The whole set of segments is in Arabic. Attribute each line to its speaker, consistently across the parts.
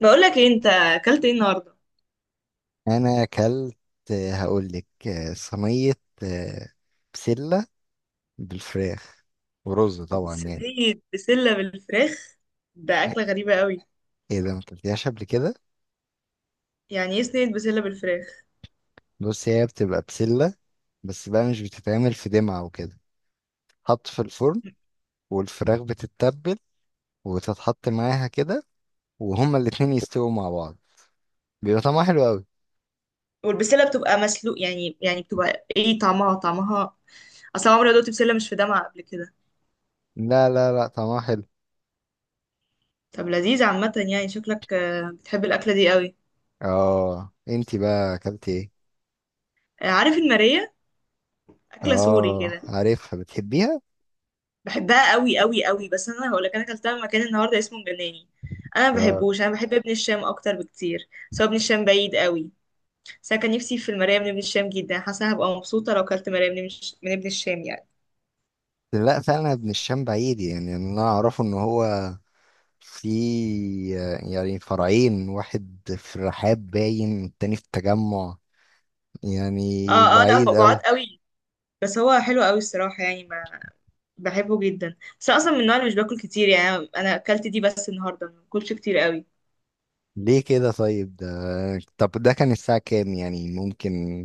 Speaker 1: بقولك ايه انت اكلت ايه النهارده؟
Speaker 2: انا اكلت، هقول لك. صينيه، آه، بسله بالفراخ ورز طبعا يعني.
Speaker 1: صينيه بسله بالفراخ، ده اكله غريبه قوي.
Speaker 2: ايه ده؟ ما اكلتهاش قبل كده؟
Speaker 1: يعني ايه صينيه بسله بالفراخ؟
Speaker 2: بص، هي بتبقى بسله، بس بقى مش بتتعمل في دمعه وكده، تتحط في الفرن، والفراخ بتتبل وتتحط معاها كده، وهما الاتنين يستووا مع بعض. بيبقى طعمها حلو قوي.
Speaker 1: والبسله بتبقى مسلوق، يعني بتبقى ايه طعمها اصلا عمري ما دقت بسله مش في دمعه قبل كده.
Speaker 2: لا لا لا، طعمها حلو.
Speaker 1: طب لذيذ عامه يعني، شكلك بتحب الاكله دي قوي.
Speaker 2: اه، انتي بقى اكلتي ايه؟
Speaker 1: عارف الماريه، اكله سوري
Speaker 2: اه،
Speaker 1: كده؟
Speaker 2: عارفها بتحبيها.
Speaker 1: بحبها قوي قوي قوي، بس انا هقولك، انا اكلتها من مكان النهارده اسمه مجناني. انا ما
Speaker 2: اه،
Speaker 1: بحبوش، انا بحب ابن الشام اكتر بكتير، سواء ابن الشام بعيد قوي. بس انا كان نفسي في المرايه من ابن الشام جدا، حاسه هبقى مبسوطه لو كلت مرايه من من ابن الشام يعني.
Speaker 2: لا فعلا ابن الشام بعيد، يعني انا اعرفه ان هو في، يعني، فرعين، واحد في الرحاب باين والتاني في التجمع يعني.
Speaker 1: اه اه، لا هو
Speaker 2: بعيد
Speaker 1: بعاد
Speaker 2: قوي.
Speaker 1: قوي. بس هو حلو قوي الصراحه يعني، ما بحبه جدا. بس أنا اصلا من النوع اللي مش باكل كتير يعني، انا اكلت دي بس النهارده، ما باكلش كتير قوي.
Speaker 2: ليه كده؟ طيب ده، طب ده كان الساعة كام يعني؟ ممكن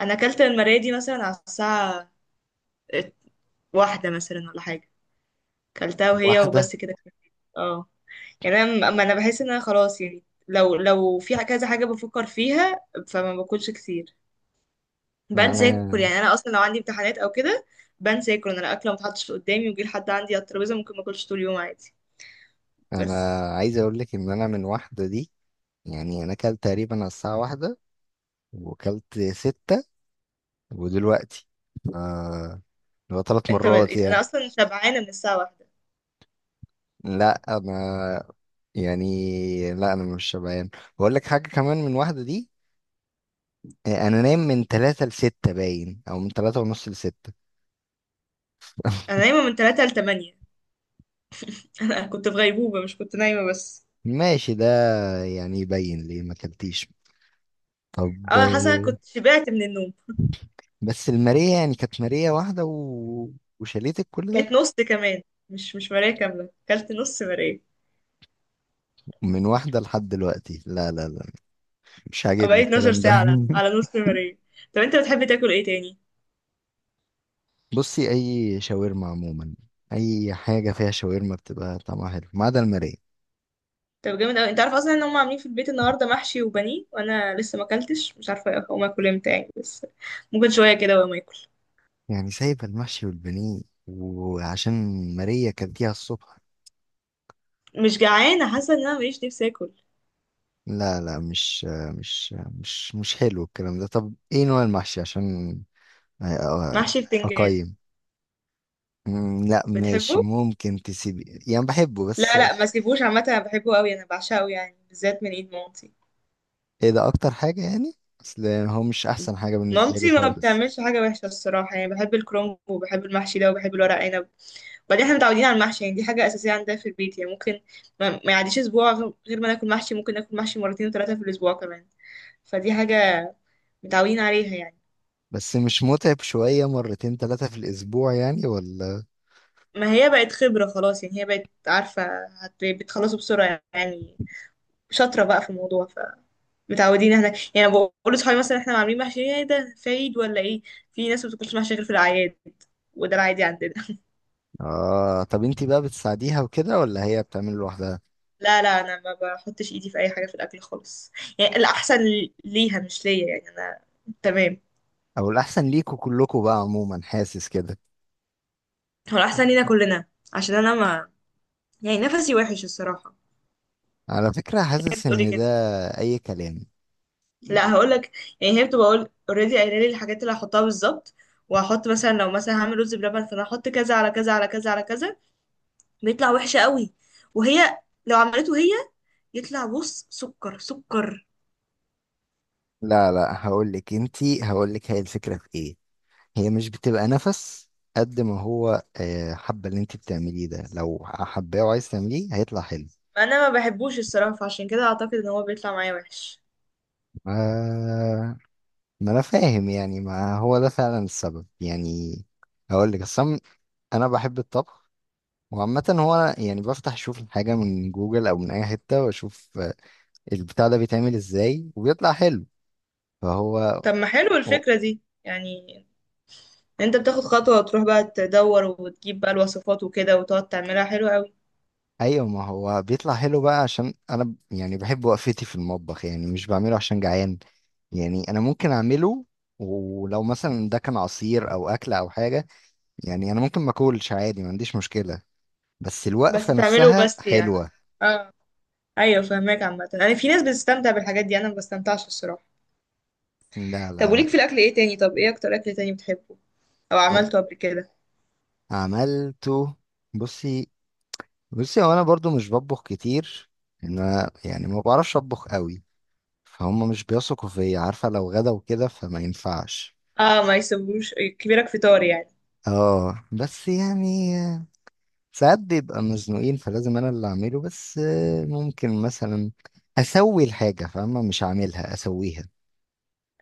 Speaker 1: انا اكلت المرايه دي مثلا على الساعه واحدة مثلا ولا حاجه، اكلتها وهي
Speaker 2: واحدة
Speaker 1: وبس كده. اه. يعني انا أما انا بحس ان انا خلاص يعني، لو في كذا حاجه بفكر فيها، فما باكلش كتير،
Speaker 2: يعني.
Speaker 1: بنسى اكل.
Speaker 2: انا
Speaker 1: يعني انا اصلا لو عندي امتحانات او كده بنسى اكل. انا الاكل ما اتحطش قدامي ويجي لحد عندي على الترابيزه، ممكن ما اكلش طول اليوم عادي.
Speaker 2: انا
Speaker 1: بس
Speaker 2: عايز اقول لك ان انا من واحدة دي، يعني انا كلت تقريبا على الساعة واحدة، وكلت ستة، ودلوقتي ف- اللي هو ثلاث مرات يعني.
Speaker 1: انا اصلا شبعانه من الساعه واحدة.
Speaker 2: لا انا لا انا مش شبعان، بقول لك حاجه كمان من واحده دي. انا نايم من تلاتة لستة باين، او من تلاتة ونص لستة.
Speaker 1: انا نايمه من 3 ل 8. انا كنت في غيبوبه مش كنت نايمه بس.
Speaker 2: ماشي ده، يعني يبين ليه ما اكلتيش. طب،
Speaker 1: اه، حاسه كنت شبعت من النوم.
Speaker 2: بس الماريه يعني كانت ماريه واحده وشاليتك كل ده؟
Speaker 1: كانت نص كمان، مش مرايه كامله، اكلت نص مرايه.
Speaker 2: من واحده لحد دلوقتي؟ لا لا لا، مش عاجبني
Speaker 1: بقيت 12
Speaker 2: الكلام ده.
Speaker 1: ساعه على نص مرايه. طب انت بتحب تاكل ايه تاني؟
Speaker 2: بصي، اي شاورما عموما، اي حاجه فيها شاورما بتبقى طعمها حلو، ما عدا الماريه.
Speaker 1: طب جامد قوي. انت عارف اصلا ان هم عاملين في البيت النهارده محشي وبانيه؟ وانا لسه ما اكلتش، مش عارفه اقوم اكل امتى يعني، بس ممكن شويه كده وما اكل.
Speaker 2: يعني سايبه المحشي والبانيه، وعشان ماريه كانت فيها الصبح؟
Speaker 1: مش جعانه، حاسه ان انا ماليش نفسي اكل.
Speaker 2: لا لا، مش مش حلو الكلام ده. طب ايه نوع المحشي؟ عشان أ- أ-
Speaker 1: محشي بتنجان.
Speaker 2: اقيم. لا ماشي،
Speaker 1: بتحبه؟
Speaker 2: ممكن تسيبي يعني، بحبه بس.
Speaker 1: لا لا، ما سيبوش عامه، انا بحبه قوي، انا بعشقه يعني، بالذات من ايد مامتي.
Speaker 2: ايه ده؟ اكتر حاجة يعني. اصل هو مش احسن حاجة بالنسبة لي
Speaker 1: مامتي ما
Speaker 2: خالص.
Speaker 1: بتعملش حاجه وحشه الصراحه يعني، بحب الكرنب، وبحب المحشي ده، وبحب الورق عنب. وبعدين احنا متعودين على المحشي يعني، دي حاجه اساسيه عندنا في البيت يعني، ممكن ما يعديش اسبوع غير ما ناكل محشي، ممكن ناكل محشي مرتين وثلاثه في الاسبوع كمان. فدي حاجة متعودين عليها يعني.
Speaker 2: بس مش متعب شوية، مرتين ثلاثة في الاسبوع يعني، ولا؟
Speaker 1: ما هي بقت خبرة خلاص يعني، هي بقت عارفة بتخلصوا بسرعة يعني، شاطرة بقى في الموضوع. ف متعودين احنا يعني، بقول لصحابي مثلا احنا عاملين محشي، ايه ده، في عيد ولا ايه؟ في ناس ما بتاكلش محشي غير في الاعياد، وده العادي عندنا.
Speaker 2: اه، طب انتي بقى بتساعديها وكده، ولا هي بتعمل لوحدها؟
Speaker 1: لا لا، انا ما بحطش ايدي في اي حاجة في الاكل خالص يعني. الاحسن ليها مش ليا يعني، انا تمام.
Speaker 2: او الاحسن ليكوا كلكوا بقى عموما، حاسس كده.
Speaker 1: هو الاحسن لينا كلنا، عشان انا ما، يعني نفسي وحش الصراحة.
Speaker 2: على فكرة، حاسس
Speaker 1: بتقولي
Speaker 2: ان ده
Speaker 1: كده؟
Speaker 2: اي كلام.
Speaker 1: لا هقول لك، يعني هي بتبقى قول اوريدي قايله لي الحاجات اللي هحطها بالظبط. وهحط مثلا، لو مثلا هعمل رز بلبن، فانا هحط كذا على كذا على كذا على كذا، بيطلع وحش قوي. وهي لو عملته هي، يطلع بص سكر سكر.
Speaker 2: لا لا، هقول لك، هي الفكرة في ايه. هي مش بتبقى نفس، قد ما هو حابة. اللي انتي بتعمليه ده، لو حباه وعايز تعمليه هيطلع حلو.
Speaker 1: انا ما بحبوش الصراحه، فعشان كده اعتقد ان هو بيطلع معايا وحش.
Speaker 2: ما ما انا فاهم يعني، ما هو ده فعلا السبب يعني. هقول لك اصلا، انا بحب الطبخ. وعامة هو أنا يعني بفتح اشوف الحاجة من جوجل او من اي حتة، واشوف البتاع ده بيتعمل ازاي، وبيطلع حلو فهو.
Speaker 1: طب ما حلو الفكره دي يعني، إن انت بتاخد خطوه وتروح بقى تدور وتجيب بقى الوصفات وكده وتقعد تعملها حلو قوي.
Speaker 2: ايوه، ما هو بيطلع حلو بقى عشان انا يعني بحب وقفتي في المطبخ، يعني مش بعمله عشان جعان. يعني انا ممكن اعمله، ولو مثلا ده كان عصير او اكله او حاجه، يعني انا ممكن ما اكلش عادي، ما عنديش مشكله. بس
Speaker 1: بس
Speaker 2: الوقفه
Speaker 1: تعمله
Speaker 2: نفسها
Speaker 1: بس يعني.
Speaker 2: حلوه.
Speaker 1: اه، ايوه فهماك عامه يعني. في ناس بتستمتع بالحاجات دي، انا ما بستمتعش الصراحه.
Speaker 2: لا
Speaker 1: طب
Speaker 2: لا
Speaker 1: وليك في
Speaker 2: لا.
Speaker 1: الاكل ايه تاني؟ طب ايه اكتر اكل تاني بتحبه او
Speaker 2: إيه،
Speaker 1: عملته قبل كده؟
Speaker 2: عملته. بصي، بصي هو انا برضو مش بطبخ كتير. انا يعني ما بعرفش اطبخ قوي، فهم مش بيثقوا فيا عارفه، لو غدا وكده فما ينفعش.
Speaker 1: اه، ما يسيبوش كبيرك في طار يعني.
Speaker 2: اه بس يعني، ساعات بيبقى مزنوقين، فلازم انا اللي اعمله. بس ممكن مثلا اسوي الحاجة، فاهمة؟ مش هعملها، اسويها.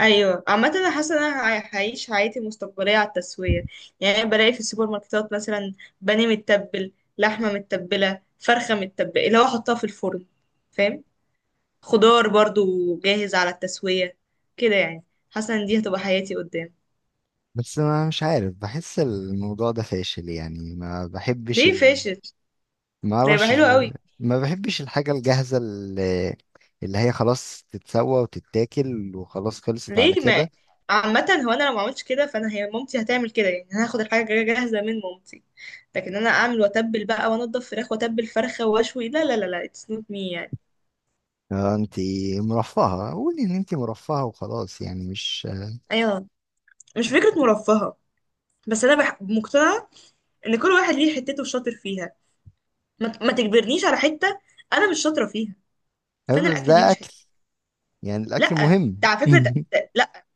Speaker 1: ايوه عامه، انا حاسه ان انا هعيش حياتي المستقبليه على التسويه. يعني أنا بلاقي في السوبر ماركتات مثلا بانيه متبل، لحمه متبله، فرخه متبله، اللي هو احطها في الفرن، فاهم؟ خضار برضو جاهز على التسويه كده يعني. حاسه ان دي هتبقى حياتي قدام.
Speaker 2: بس ما مش عارف، بحس الموضوع ده فاشل يعني، ما بحبش
Speaker 1: ليه فاشل؟
Speaker 2: ما
Speaker 1: ده يبقى
Speaker 2: اعرفش.
Speaker 1: حلو قوي.
Speaker 2: ما بحبش الحاجة الجاهزة، اللي هي خلاص تتسوى وتتاكل وخلاص، خلصت على
Speaker 1: ليه ما،
Speaker 2: كده.
Speaker 1: عامة هو انا لو ما عملتش كده، فانا هي مامتي هتعمل كده يعني، انا هاخد الحاجة جاهزة من مامتي. لكن انا اعمل واتبل بقى وانضف فراخ واتبل فرخة واشوي، لا لا لا لا، اتس نوت مي يعني.
Speaker 2: انتي مرفهة، قولي ان انتي مرفهة وخلاص يعني، مش.
Speaker 1: ايوه، مش فكرة مرفهة. مقتنعة ان كل واحد ليه حتته شاطر فيها. ما تجبرنيش على حتة انا مش شاطرة فيها، فانا
Speaker 2: بس
Speaker 1: الاكل دي
Speaker 2: ده
Speaker 1: مش
Speaker 2: اكل،
Speaker 1: حتة.
Speaker 2: يعني الاكل
Speaker 1: لا، ده
Speaker 2: مهم.
Speaker 1: على فكرة ده... ده... لا،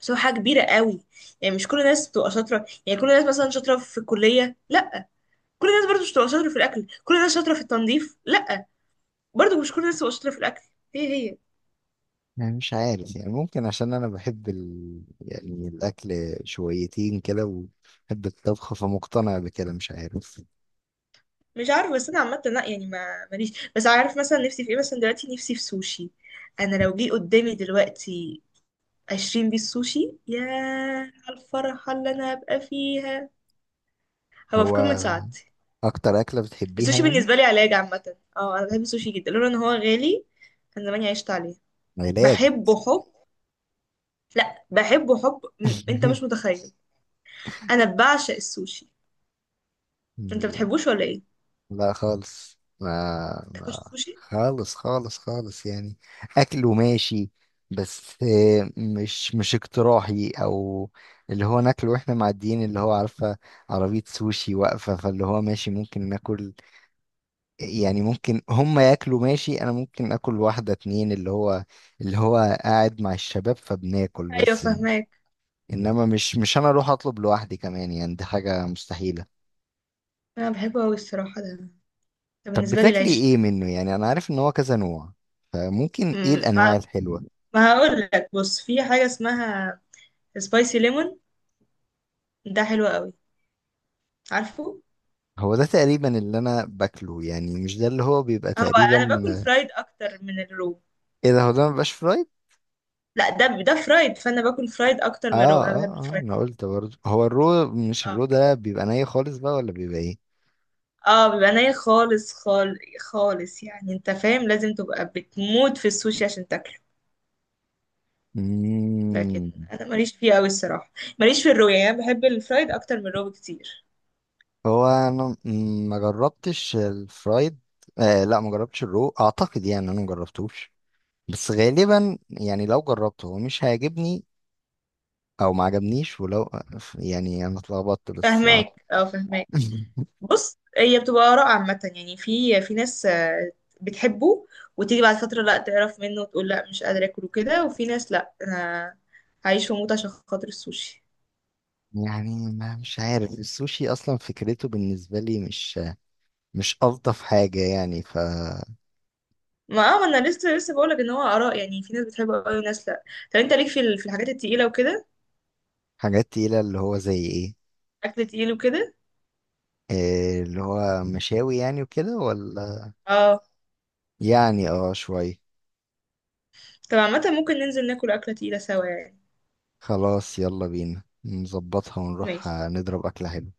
Speaker 1: بس هو حاجة كبيرة قوي يعني. مش كل الناس بتبقى شاطرة، يعني كل الناس مثلا شاطرة في الكلية؟ لا. كل الناس برضه مش بتبقى شاطرة في الأكل. كل الناس شاطرة في التنظيف؟ لا. برضه مش كل الناس شاطره في الاكل. هي هي.
Speaker 2: يعني مش عارف، يعني ممكن عشان انا بحب يعني الاكل شويتين كده، وبحب الطبخ فمقتنع بكده، مش عارف.
Speaker 1: مش عارفه، بس انا عامه لا يعني، ما ماليش. بس عارف مثلا نفسي في ايه مثلا دلوقتي؟ نفسي في سوشي. انا لو جه قدامي دلوقتي 20 بيس سوشي، يا على الفرحه اللي انا هبقى فيها، هبقى في
Speaker 2: هو
Speaker 1: قمه سعادتي.
Speaker 2: اكتر اكلة بتحبيها
Speaker 1: السوشي
Speaker 2: يعني؟
Speaker 1: بالنسبه لي علاج عامه، اه انا بحب السوشي جدا. لولا ان هو غالي، كان زماني عشت عليه.
Speaker 2: علاج؟
Speaker 1: بحبه حب. لا بحبه حب، انت مش متخيل. انا بعشق السوشي. انت بتحبوش ولا ايه؟
Speaker 2: لا خالص،
Speaker 1: تاكلش
Speaker 2: ما
Speaker 1: سوشي؟
Speaker 2: خالص خالص خالص يعني. اكل وماشي، بس مش اقتراحي، او اللي هو ناكله واحنا معديين، اللي هو عارفه، عربيه سوشي واقفه، فاللي هو ماشي ممكن ناكل. يعني ممكن هم ياكلوا ماشي، انا ممكن اكل واحدة اتنين، اللي هو قاعد مع الشباب فبناكل،
Speaker 1: ايوه
Speaker 2: بس
Speaker 1: فاهماك.
Speaker 2: انما مش انا اروح اطلب لوحدي كمان، يعني دي حاجة مستحيلة.
Speaker 1: انا بحبه قوي الصراحه ده،
Speaker 2: طب
Speaker 1: بالنسبة لي
Speaker 2: بتاكلي
Speaker 1: العيش.
Speaker 2: ايه منه؟ يعني انا عارف ان هو كذا نوع، فممكن ايه
Speaker 1: مم،
Speaker 2: الانواع
Speaker 1: ما
Speaker 2: الحلوة؟
Speaker 1: ما هقول لك، بص في حاجة اسمها سبايسي ليمون، ده حلو قوي، عارفه.
Speaker 2: هو ده تقريبا اللي انا باكله يعني، مش ده اللي هو بيبقى
Speaker 1: هو انا باكل
Speaker 2: تقريبا.
Speaker 1: فرايد اكتر من الرو.
Speaker 2: ايه ده؟ هو ده مبيبقاش فرايد؟
Speaker 1: لا، ده فرايد، فانا باكل فرايد اكتر
Speaker 2: اه
Speaker 1: من الرو، انا بحب
Speaker 2: اه اه،
Speaker 1: الفرايد.
Speaker 2: انا قلت برضه، هو الرو، مش
Speaker 1: اه
Speaker 2: الرو ده بيبقى ني خالص بقى، ولا بيبقى ايه؟
Speaker 1: اه، بيبقى ني خالص، خالص يعني. انت فاهم لازم تبقى بتموت في السوشي عشان تاكله. لكن
Speaker 2: مم.
Speaker 1: انا ماليش فيه قوي الصراحة، ماليش في الرو يعني، انا بحب الفرايد اكتر من الرو بكتير.
Speaker 2: هو انا ما جربتش الفرايد. آه، لا ما جربتش الرو اعتقد، يعني انا ما جربتوش. بس غالبا يعني، لو جربته هو مش هيعجبني، او ما عجبنيش، ولو يعني انا اتلخبطت بس
Speaker 1: فهماك اه، فهماك. بص هي بتبقى آراء عامة يعني. في ناس بتحبه وتيجي بعد فترة لا تعرف منه وتقول لا مش قادرة اكله كده، وفي ناس لا، انا هعيش واموت عشان خاطر السوشي.
Speaker 2: يعني ما مش عارف، السوشي اصلا فكرته بالنسبه لي مش الطف حاجه يعني.
Speaker 1: ما اه، ما انا لسه لسه بقولك ان هو آراء يعني. في ناس بتحبه قوي وناس لا. طب انت ليك في في الحاجات التقيلة وكده؟
Speaker 2: فحاجات تقيله اللي هو زي ايه؟
Speaker 1: اكل تقيل وكده؟
Speaker 2: اللي هو مشاوي يعني وكده، ولا؟
Speaker 1: اه.
Speaker 2: يعني اه، شويه.
Speaker 1: طب عامة ممكن ننزل ناكل أكلة تقيلة سوا يعني.
Speaker 2: خلاص، يلا بينا نظبطها ونروح
Speaker 1: ماشي،
Speaker 2: نضرب أكلة حلوة.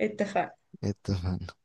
Speaker 1: اتفقنا.
Speaker 2: اتفقنا.